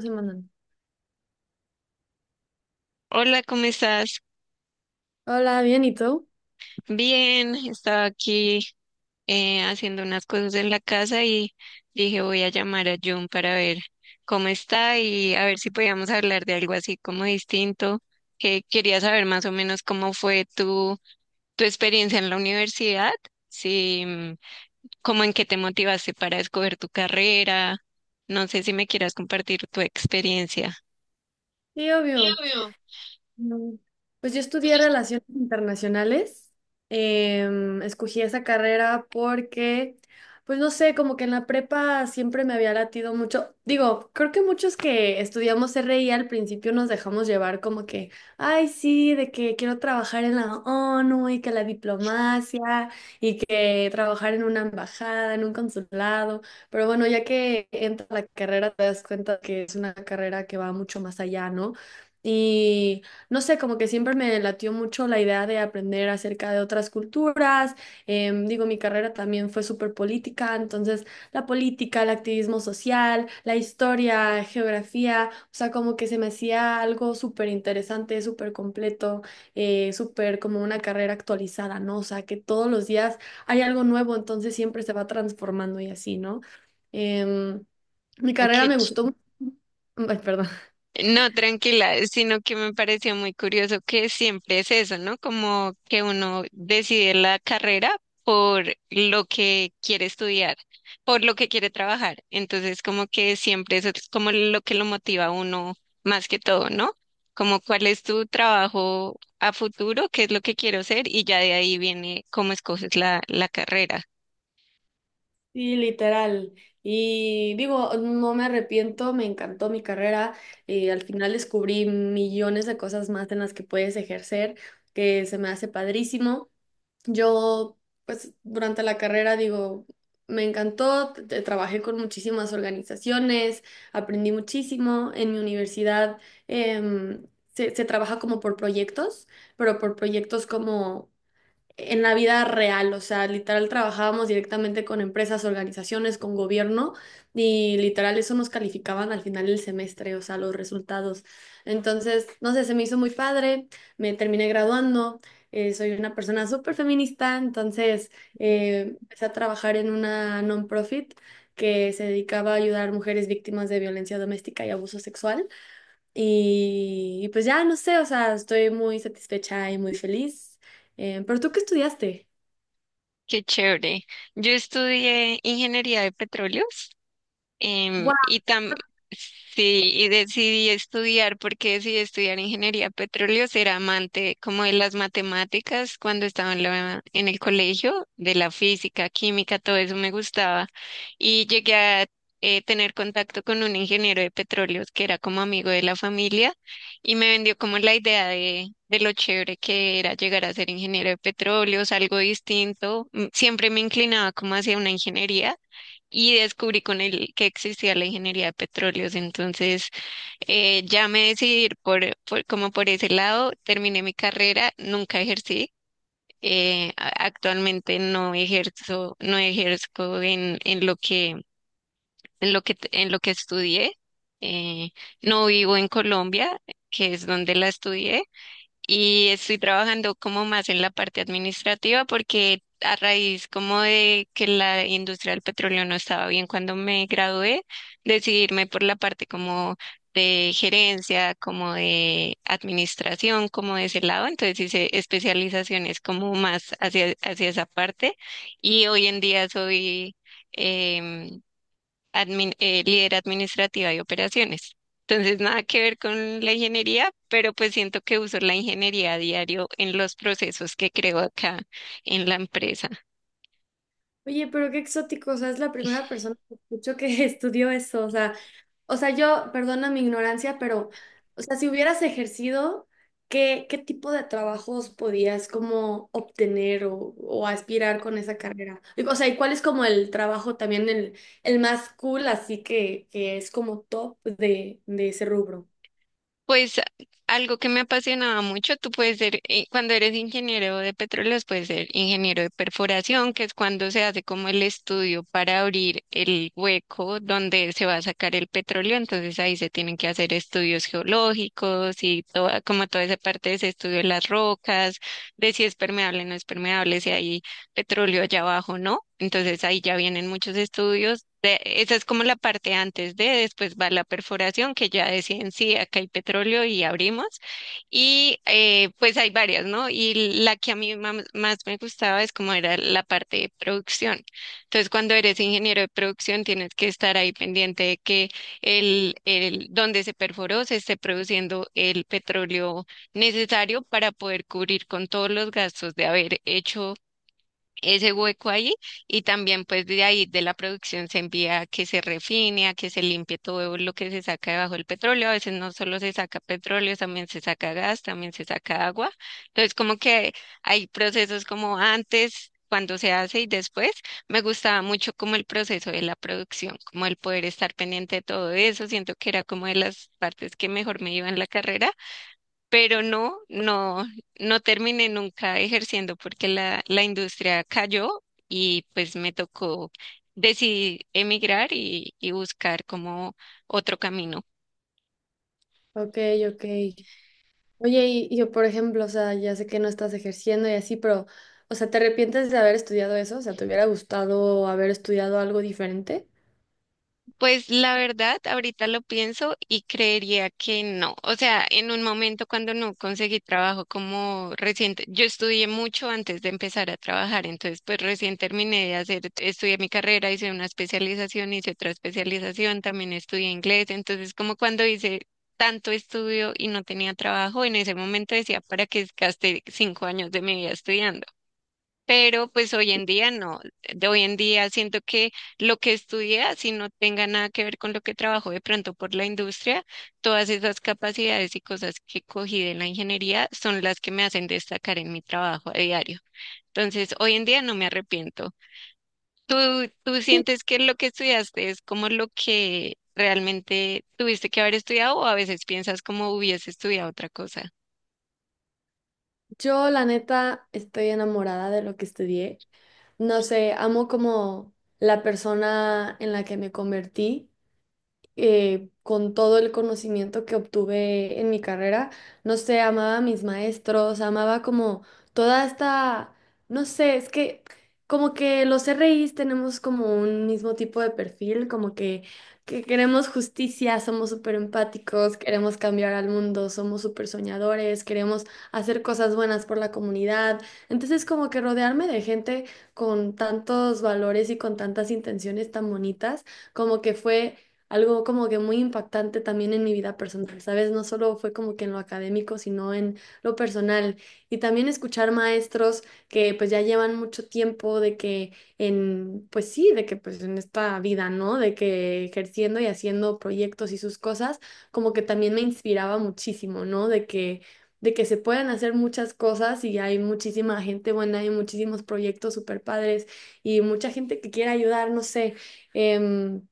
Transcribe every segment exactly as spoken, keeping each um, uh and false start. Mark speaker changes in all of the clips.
Speaker 1: Se
Speaker 2: Hola, ¿cómo estás?
Speaker 1: Hola, bien, ¿y tú?
Speaker 2: Bien, estaba aquí eh, haciendo unas cosas en la casa y dije voy a llamar a Jun para ver cómo está y a ver si podíamos hablar de algo así como distinto, que quería saber más o menos cómo fue tu, tu experiencia en la universidad, si, mm, cómo, en qué te motivaste para escoger tu carrera. No sé si me quieras compartir tu experiencia.
Speaker 1: Sí,
Speaker 2: Sí,
Speaker 1: obvio.
Speaker 2: obvio.
Speaker 1: No. Pues yo
Speaker 2: Pues
Speaker 1: estudié
Speaker 2: yo estoy.
Speaker 1: relaciones internacionales. Em, escogí esa carrera porque, pues no sé, como que en la prepa siempre me había latido mucho. Digo, creo que muchos que estudiamos R I al principio nos dejamos llevar como que, ay, sí, de que quiero trabajar en la ONU y que la diplomacia y que trabajar en una embajada, en un consulado. Pero bueno, ya que entra la carrera, te das cuenta que es una carrera que va mucho más allá, ¿no? Y no sé, como que siempre me latió mucho la idea de aprender acerca de otras culturas. Em, digo, mi carrera también fue súper política, entonces la política, el activismo social, la historia, geografía, o sea, como que se me hacía algo súper interesante, súper completo, eh, súper como una carrera actualizada, ¿no? O sea, que todos los días hay algo nuevo, entonces siempre se va transformando y así, ¿no? Em, Mi carrera
Speaker 2: Qué.
Speaker 1: me gustó. mu- Ay, perdón.
Speaker 2: No, tranquila, sino que me pareció muy curioso que siempre es eso, ¿no? Como que uno decide la carrera por lo que quiere estudiar, por lo que quiere trabajar. Entonces, como que siempre eso es como lo que lo motiva a uno más que todo, ¿no? Como cuál es tu trabajo a futuro, qué es lo que quiero ser y ya de ahí viene cómo escoges la, la carrera.
Speaker 1: Sí, literal. Y digo, no me arrepiento, me encantó mi carrera. Eh, al final descubrí millones de cosas más en las que puedes ejercer, que se me hace padrísimo. Yo, pues, durante la carrera, digo, me encantó, t- t- trabajé con muchísimas organizaciones, aprendí muchísimo. En mi universidad, em, se, se trabaja como por proyectos, pero por proyectos como en la vida real, o sea, literal trabajábamos directamente con empresas, organizaciones, con gobierno y literal eso nos calificaban al final del semestre, o sea, los resultados. Entonces, no sé, se me hizo muy padre, me terminé graduando, eh, soy una persona súper feminista, entonces eh, empecé a trabajar en una non-profit que se dedicaba a ayudar a mujeres víctimas de violencia doméstica y abuso sexual. Y, y pues ya, no sé, o sea, estoy muy satisfecha y muy feliz. Eh, ¿pero tú qué estudiaste?
Speaker 2: Qué chévere. Yo estudié ingeniería de petróleos. Em,
Speaker 1: ¡Guau!
Speaker 2: y tam sí, y decidí estudiar, porque decidí estudiar ingeniería petróleo, ser amante como de las matemáticas cuando estaba en la- en el colegio, de la física, química, todo eso me gustaba. Y llegué a eh, tener contacto con un ingeniero de petróleos que era como amigo de la familia y me vendió como la idea de, de lo chévere que era llegar a ser ingeniero de petróleos, algo distinto. Mm, Siempre me inclinaba como hacia una ingeniería y descubrí con él que existía la ingeniería de petróleos. Entonces, eh, ya me decidí ir por, por- como por ese lado, terminé mi carrera, nunca ejercí. Eh, a- actualmente no ejerzo, no ejerzo en, en lo que, en lo que, en lo que estudié. eh, no vivo en Colombia, que es donde la estudié, y estoy trabajando como más en la parte administrativa porque a raíz como de que la industria del petróleo no estaba bien cuando me gradué, decidirme por la parte como de gerencia, como de administración, como de ese lado. Entonces hice especializaciones como más hacia, hacia esa parte y hoy en día soy... em, admin- eh, líder administrativa y operaciones. Entonces, nada que ver con la ingeniería, pero pues siento que uso la ingeniería a diario en los procesos que creo acá en la empresa.
Speaker 1: Oye, pero qué exótico, o sea, es la primera persona que escucho que estudió eso, o sea, o sea, yo, perdona mi ignorancia, pero, o sea, si hubieras ejercido, ¿qué, qué tipo de trabajos podías como obtener o, o aspirar con esa carrera? Y, o sea, ¿y cuál es como el trabajo también el, el más cool, así que, que es como top de, de ese rubro?
Speaker 2: Pues algo que me apasionaba mucho, tú puedes ser, eh, cuando eres ingeniero de petróleos, puedes ser ingeniero de perforación, que es cuando se hace como el estudio para abrir el hueco donde se va a sacar el petróleo. Entonces ahí se tienen que hacer estudios geológicos y toda, como toda esa parte de ese estudio de las rocas, de si es permeable o no es permeable, si hay petróleo allá abajo, ¿no? Entonces ahí ya vienen muchos estudios. De- esa es como la parte antes de, después va la perforación, que ya deciden sí, acá hay petróleo y abrimos. Y eh, pues hay varias, ¿no? Y la que a mí mam- más me gustaba es como era la parte de producción. Entonces, cuando eres ingeniero de producción, tienes que estar ahí pendiente de que el, el donde se perforó se esté produciendo el petróleo necesario para poder cubrir con todos los gastos de haber hecho ese hueco ahí, y también pues de ahí de la producción se envía a que se refine, a que se limpie todo lo que se saca debajo del petróleo. A veces no solo se saca petróleo, también se saca gas, también se saca agua. Entonces como que hay procesos como antes, cuando se hace y después. Me gustaba mucho como el proceso de la producción, como el poder estar pendiente de todo eso. Siento que era como de las partes que mejor me iba en la carrera, pero no, no, no terminé nunca ejerciendo porque la, la industria cayó y pues me tocó decidir emigrar y, y buscar como otro camino.
Speaker 1: Ok, ok. Oye, y, y yo, por ejemplo, o sea, ya sé que no estás ejerciendo y así, pero, o sea, ¿te arrepientes de haber estudiado eso? O sea, ¿te hubiera gustado haber estudiado algo diferente?
Speaker 2: Pues la verdad, ahorita lo pienso y creería que no. O sea, en un momento cuando no conseguí trabajo como reciente, yo estudié mucho antes de empezar a trabajar, entonces pues recién terminé de hacer, estudié mi carrera, hice una especialización, hice otra especialización, también estudié inglés. Entonces, como cuando hice tanto estudio y no tenía trabajo, en ese momento decía: ¿para qué gasté cinco años de mi vida estudiando? Pero pues hoy en día no, de hoy en día siento que lo que estudié, así no tenga nada que ver con lo que trabajo de pronto por la industria, todas esas capacidades y cosas que cogí de la ingeniería son las que me hacen destacar en mi trabajo a diario. Entonces, hoy en día no me arrepiento. ¿Tú, tú
Speaker 1: Sí,
Speaker 2: sientes que lo que estudiaste es como lo que realmente tuviste que haber estudiado, o a veces piensas como hubiese estudiado otra cosa?
Speaker 1: yo la neta estoy enamorada de lo que estudié. No sé, amo como la persona en la que me convertí. Eh, con todo el conocimiento que obtuve en mi carrera, no sé, amaba a mis maestros, amaba como toda esta, no sé, es que como que los R Is tenemos como un mismo tipo de perfil, como que, que queremos justicia, somos súper empáticos, queremos cambiar al mundo, somos súper soñadores, queremos hacer cosas buenas por la comunidad. Entonces como que rodearme de gente con tantos valores y con tantas intenciones tan bonitas, como que fue algo como que muy impactante también en mi vida personal, ¿sabes? No solo fue como que en lo académico, sino en lo personal. Y también escuchar maestros que pues ya llevan mucho tiempo de que en, pues sí, de que pues en esta vida, ¿no? De que ejerciendo y haciendo proyectos y sus cosas, como que también me inspiraba muchísimo, ¿no? De que... de que se pueden hacer muchas cosas y hay muchísima gente buena, hay muchísimos proyectos super padres y mucha gente que quiere ayudar, no sé. em,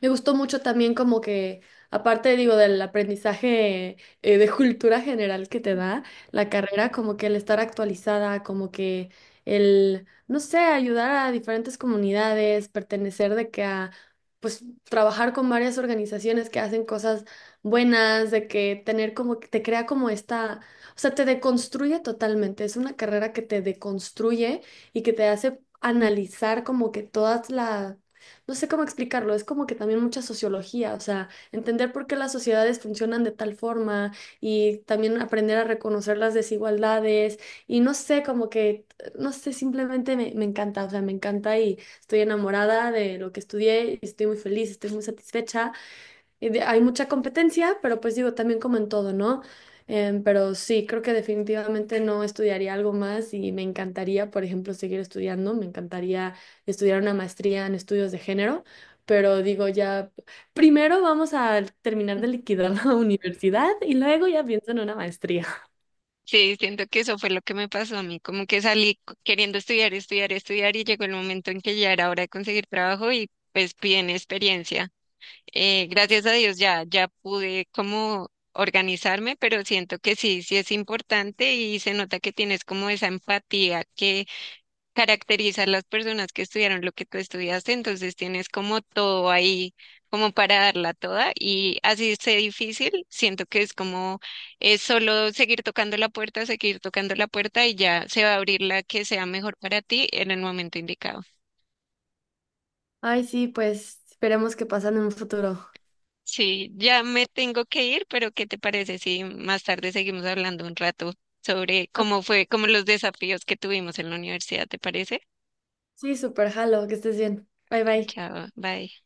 Speaker 1: Me gustó mucho también como que, aparte digo, del aprendizaje eh, de cultura general que te da la carrera, como que el estar actualizada, como que el, no sé, ayudar a diferentes comunidades, pertenecer de que a, pues, trabajar con varias organizaciones que hacen cosas buenas, de que tener como, que te crea como esta, o sea, te deconstruye totalmente. Es una carrera que te deconstruye y que te hace analizar como que todas las no sé cómo explicarlo, es como que también mucha sociología, o sea, entender por qué las sociedades funcionan de tal forma y también aprender a reconocer las desigualdades y no sé, como que, no sé, simplemente me, me encanta, o sea, me encanta y estoy enamorada de lo que estudié y estoy muy feliz, estoy muy satisfecha. Y de- hay mucha competencia, pero pues digo, también como en todo, ¿no? Em, pero sí, creo que definitivamente no estudiaría algo más y me encantaría, por ejemplo, seguir estudiando, me encantaría estudiar una maestría en estudios de género, pero digo, ya primero vamos a terminar de liquidar la universidad y luego ya pienso en una maestría.
Speaker 2: Sí, siento que eso fue lo que me pasó a mí, como que salí c- queriendo estudiar, estudiar, estudiar y llegó el momento en que ya era hora de conseguir trabajo y pues piden experiencia. Eh, gracias a Dios ya, ya pude como organizarme, pero siento que sí, sí es importante y se nota que tienes como esa empatía caracterizar las personas que estudiaron lo que tú estudiaste, entonces tienes como todo ahí, como para darla toda, y así sea difícil, siento que es como es solo seguir tocando la puerta, seguir tocando la puerta y ya se va a abrir la que sea mejor para ti en el momento indicado.
Speaker 1: Ay, sí, pues esperemos que pasen en un futuro.
Speaker 2: Sí, ya me tengo que ir, pero ¿qué te parece si más tarde seguimos hablando un rato sobre
Speaker 1: Ah,
Speaker 2: cómo fue, como los desafíos que tuvimos en la universidad? ¿Te parece?
Speaker 1: sí, súper jalo, que estés bien. Bye bye.
Speaker 2: Chao, bye.